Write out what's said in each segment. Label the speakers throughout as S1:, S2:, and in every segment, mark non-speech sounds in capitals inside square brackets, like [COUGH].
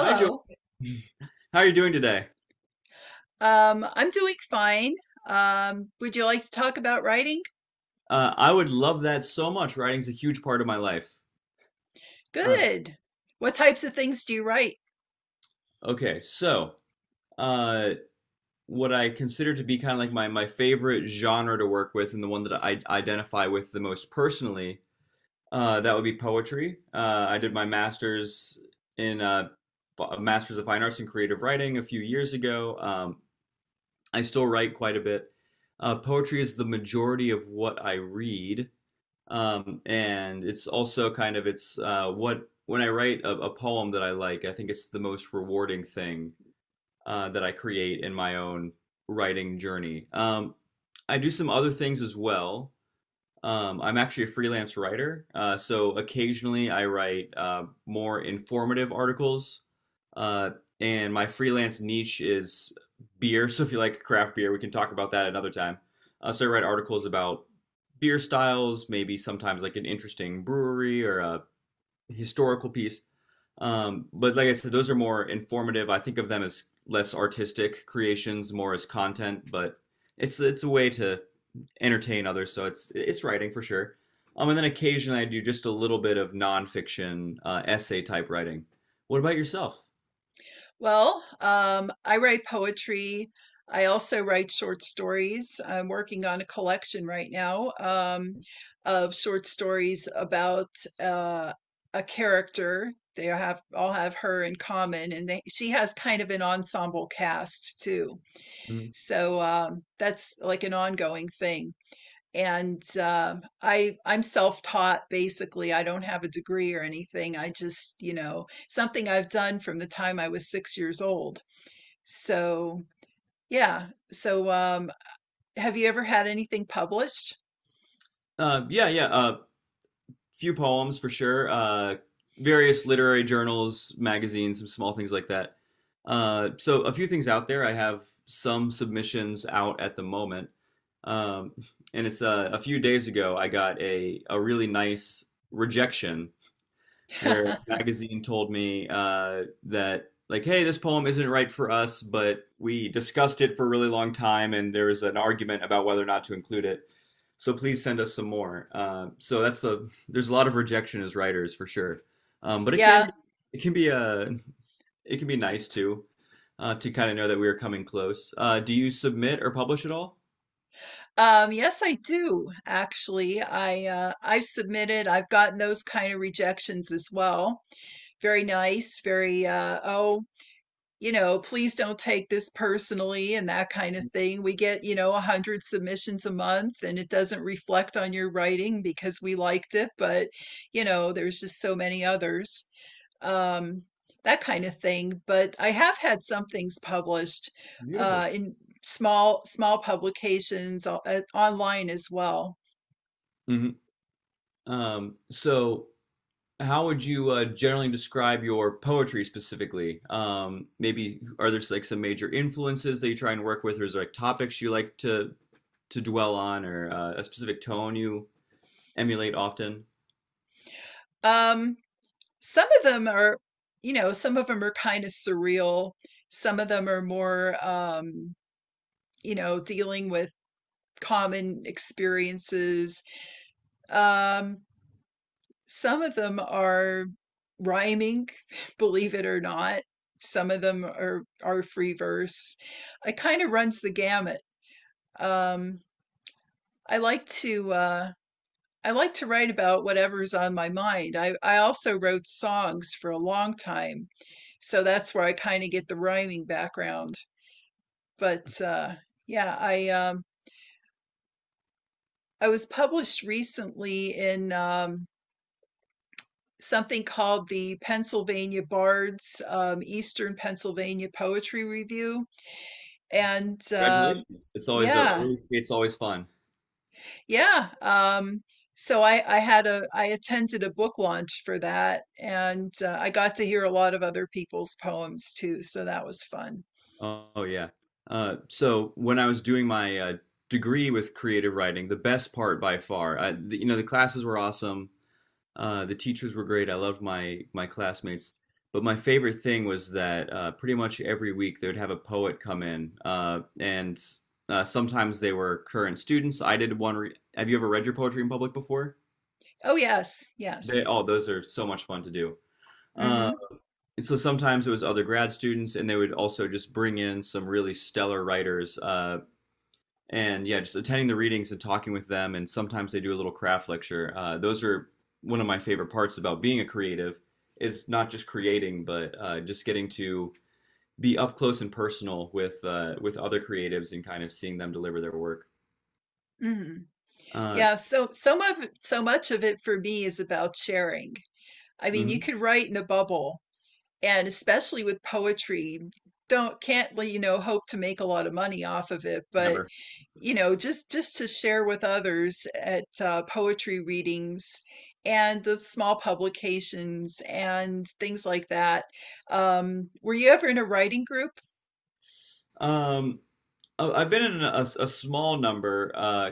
S1: Hi, Joey. [LAUGHS] How are you doing today?
S2: I'm doing fine. Would you like to talk about writing?
S1: I would love that so much. Writing's a huge part of my life. Uh,
S2: Good. What types of things do you write?
S1: okay, so uh, what I consider to be kind of like my favorite genre to work with, and the one that I identify with the most personally, that would be poetry. I did my master's in a master's of fine arts in creative writing a few years ago. I still write quite a bit. Poetry is the majority of what I read. And it's also kind of it's what when I write a poem that I like, I think it's the most rewarding thing that I create in my own writing journey. I do some other things as well. I'm actually a freelance writer, so occasionally I write more informative articles uh, and my freelance niche is beer. [LAUGHS] So if you like craft beer, we can talk about that another time. So I write articles about beer styles, maybe sometimes like an interesting brewery or a historical piece. But like I said, those are more informative. I think of them as less artistic creations, more as content. But it's a way to entertain others. So it's writing for sure. And then occasionally I do just a little bit of nonfiction essay type writing. What about yourself?
S2: Well, I write poetry. I also write short stories. I'm working on a collection right now, of short stories about uh, a character. They have all have her in common, and she has kind of an ensemble cast too. So that's like an ongoing thing. And I'm self-taught basically. I don't have a degree or anything. I just, you know, something I've done from the time I was 6 years old. So yeah. So have you ever had anything published?
S1: Yeah, yeah. Few poems for sure. Various literary journals, magazines, some small things like that. So a few things out there. I have some submissions out at the moment, um, and it's a few days ago I got a really nice rejection where a
S2: [LAUGHS]
S1: magazine told me that like, hey, this poem isn't right for us, but we discussed it for a really long time and there was an argument about whether or not to include it, so please send us some more. So that's there's a lot of rejection as writers for sure. But
S2: Yeah.
S1: it can be a it can be nice too, to kind of know that we are coming close. Do you submit or publish at all?
S2: Yes, I do actually. I've submitted. I've gotten those kind of rejections as well. Very nice. You know, please don't take this personally and that kind of thing. We get, you know, 100 submissions a month, and it doesn't reflect on your writing because we liked it, but, you know, there's just so many others, um, that kind of thing. But I have had some things published
S1: Beautiful.
S2: in small, small publications online as well.
S1: Hmm. Um, so how would you generally describe your poetry specifically? Maybe are there like some major influences that you try and work with, or is there like topics you like to dwell on, or a specific tone you emulate often?
S2: Um, some of them are, you know, some of them are kind of surreal. Some of them are more, you know, dealing with common experiences. Um, some of them are rhyming, [LAUGHS] believe it or not. Some of them are free verse. It kind of runs the gamut. Um, I like to uh, I like to write about whatever's on my mind. I also wrote songs for a long time, so that's where I kind of get the rhyming background. But yeah, I was published recently in something called the Pennsylvania Bards Eastern Pennsylvania Poetry Review. And
S1: Congratulations! It's always a
S2: yeah,
S1: really it's always fun.
S2: yeah. So I had a I attended a book launch for that, and I got to hear a lot of other people's poems too. So that was fun.
S1: Oh, oh, yeah. So when I was doing my degree with creative writing, the best part by far, you know, the classes were awesome. The teachers were great. I loved my classmates. But my favorite thing was that pretty much every week they would have a poet come in, and sometimes they were current students. I did one. Re Have you ever read your poetry in public before?
S2: Oh yes,
S1: They,
S2: yes.
S1: oh, those are so much fun to do. Uh,
S2: hmm
S1: so sometimes it was other grad students, and they would also just bring in some really stellar writers. And yeah, just attending the readings and talking with them, and sometimes they do a little craft lecture. Those are one of my favorite parts about being a creative is not just creating, but just getting to be up close and personal with other creatives and kind of seeing them deliver their work.
S2: hmm
S1: Uh,
S2: Yeah, so so much of it for me is about sharing. I mean, you
S1: mhm,
S2: could write in a bubble, and especially with poetry, don't can't, you know, hope to make a lot of money off of it, but,
S1: never.
S2: you know, just to share with others at poetry readings and the small publications and things like that. Were you ever in a writing group?
S1: Um, I- I've been in a small number.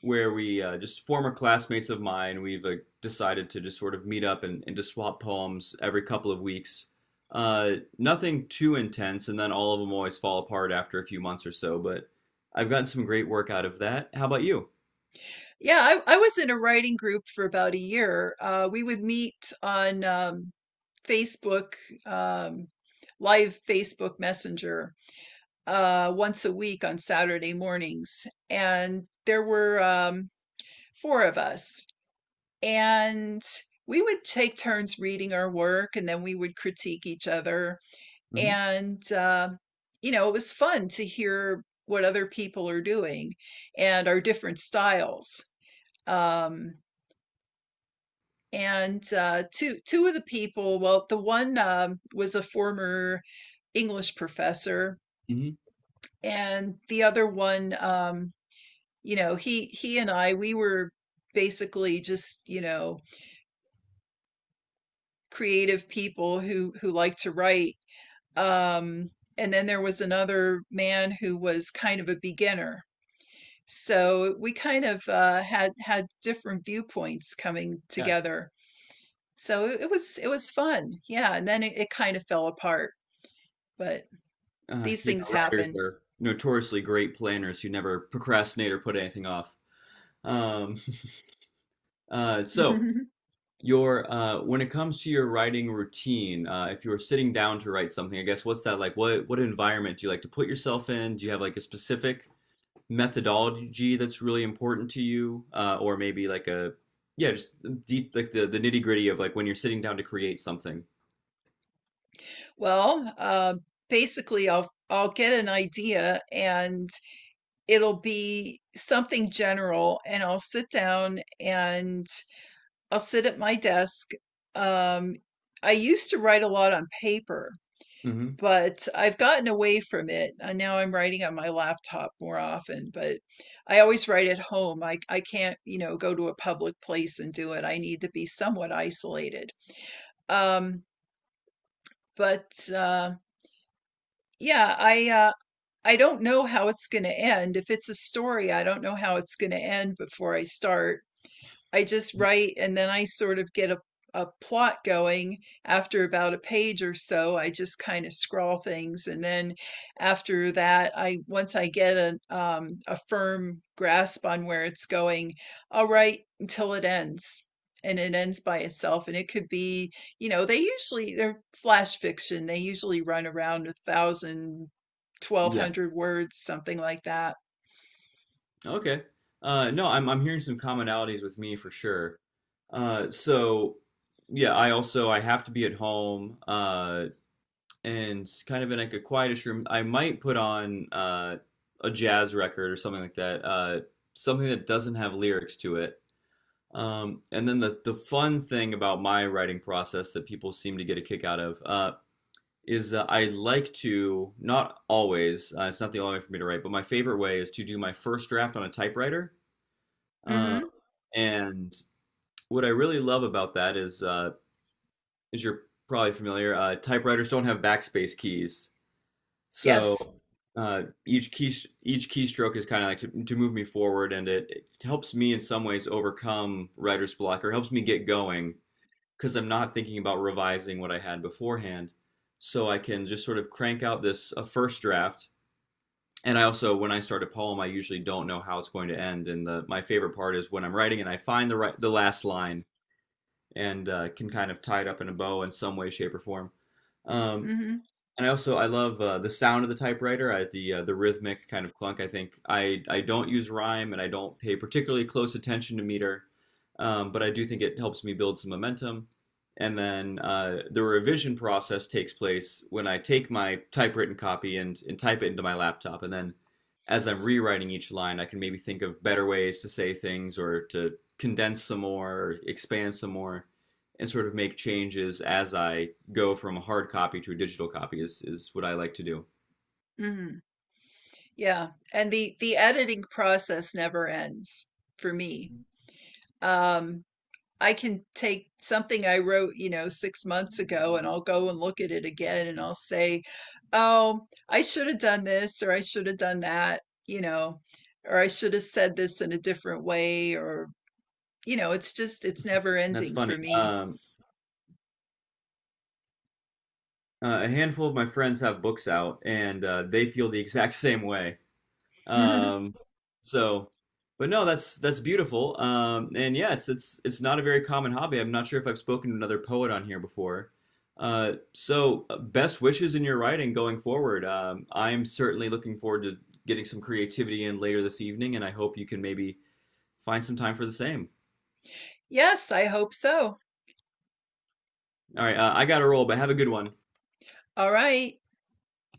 S1: Where we just former classmates of mine, we've decided to just sort of meet up and to swap poems every couple of weeks. Uh, nothing too intense, and then all of them always fall apart after a few months or so. But I've gotten some great work out of that. How about you?
S2: I was in a writing group for about a year. We would meet on Facebook, um, live Facebook Messenger, once a week on Saturday mornings. And there were 4 of us. And we would take turns reading our work, and then we would critique each other.
S1: Hmm.
S2: And, you know, it was fun to hear what other people are doing and our different styles. Um, and two of the people, well, the one, was a former English professor,
S1: Hmm.
S2: and the other one, you know, he and I, we were basically, just you know, creative people who like to write, um, and then there was another man who was kind of a beginner. So we kind of, had different viewpoints coming
S1: Yeah.
S2: together. So it was fun, yeah. And then it kind of fell apart, but these
S1: You
S2: things
S1: know, writers
S2: happen.
S1: are notoriously great planners who never procrastinate or put anything off. Um, [LAUGHS] so.
S2: [LAUGHS]
S1: Your when it comes to your writing routine, if you were sitting down to write something, I guess what's that like? What environment do you like to put yourself in? Do you have like a specific methodology that's really important to you, or maybe like a yeah, just deep like the nitty gritty of like when you're sitting down to create something.
S2: Well, basically, I'll get an idea, and it'll be something general, and I'll sit down and I'll sit at my desk. Um, I used to write a lot on paper,
S1: Hmm.
S2: but I've gotten away from it. And now I'm writing on my laptop more often, but I always write at home. I can't, you know, go to a public place and do it. I need to be somewhat isolated. Um, But yeah, I don't know how it's going to end. If it's a story, I don't know how it's going to end before I start. I just write, and then I sort of get a plot going after about a page or so. I just kind of scrawl things, and then after that, I once I get a firm grasp on where it's going, I'll write until it ends. And it ends by itself. And it could be, you know, they usually they're flash fiction. They usually run around 1,000, twelve
S1: Yeah.
S2: hundred words, something like that.
S1: Okay. No, I'm hearing some commonalities with me for sure. So yeah, I also I have to be at home. And kind of in like a quietish room, I might put on a jazz record or something like that, something that doesn't have lyrics to it. And then the fun thing about my writing process that people seem to get a kick out of is that I like to not always. It's not the only way for me to write, but my favorite way is to do my first draft on a typewriter. Uh,
S2: Mm-hmm.
S1: and what I really love about that is, as you're probably familiar, typewriters don't have backspace keys. So
S2: Yes.
S1: uh, each key each keystroke is kind of like to move me forward, and it helps me in some ways overcome writer's block or helps me get going because I'm not thinking about revising what I had beforehand. So I can just sort of crank out this a first draft. And I also, when I start a poem, I usually don't know how it's going to end. And my favorite part is when I'm writing and I find the last line and can kind of tie it up in a bow in some way, shape, or form. Um,
S2: Mm-hmm.
S1: and I also I love the sound of the typewriter. The the rhythmic kind of clunk. I think I don't use rhyme and I don't pay particularly close attention to meter, but I do think it helps me build some momentum. And then the revision process takes place when I take my typewritten copy and type it into my laptop. And then as I'm rewriting each line, I can maybe think of better ways to say things or to condense some more, expand some more and sort of make changes as I go from a hard copy to a digital copy is what I like to do.
S2: Mm-hmm. Yeah, and the editing process never ends for me. Um, I can take something I wrote, you know, 6 months ago, and I'll go and look at it again, and I'll say, "Oh, I should have done this, or I should have done that," you know, or I should have said this in a different way, or, you know, it's just it's never
S1: That's
S2: ending
S1: funny.
S2: for me.
S1: A handful of my friends have books out and they feel the exact [LAUGHS] same way. Um,
S2: [LAUGHS]
S1: so, but no, that's beautiful. And yeah, it's it's not a very common hobby. I'm not sure if I've spoken to another poet on here before. So, best wishes in your writing going forward. I'm certainly looking forward to getting some creativity in later this evening, and I hope you can maybe find some time for the same.
S2: Yes, I hope so.
S1: All right, I got to roll, but have a good one.
S2: All right.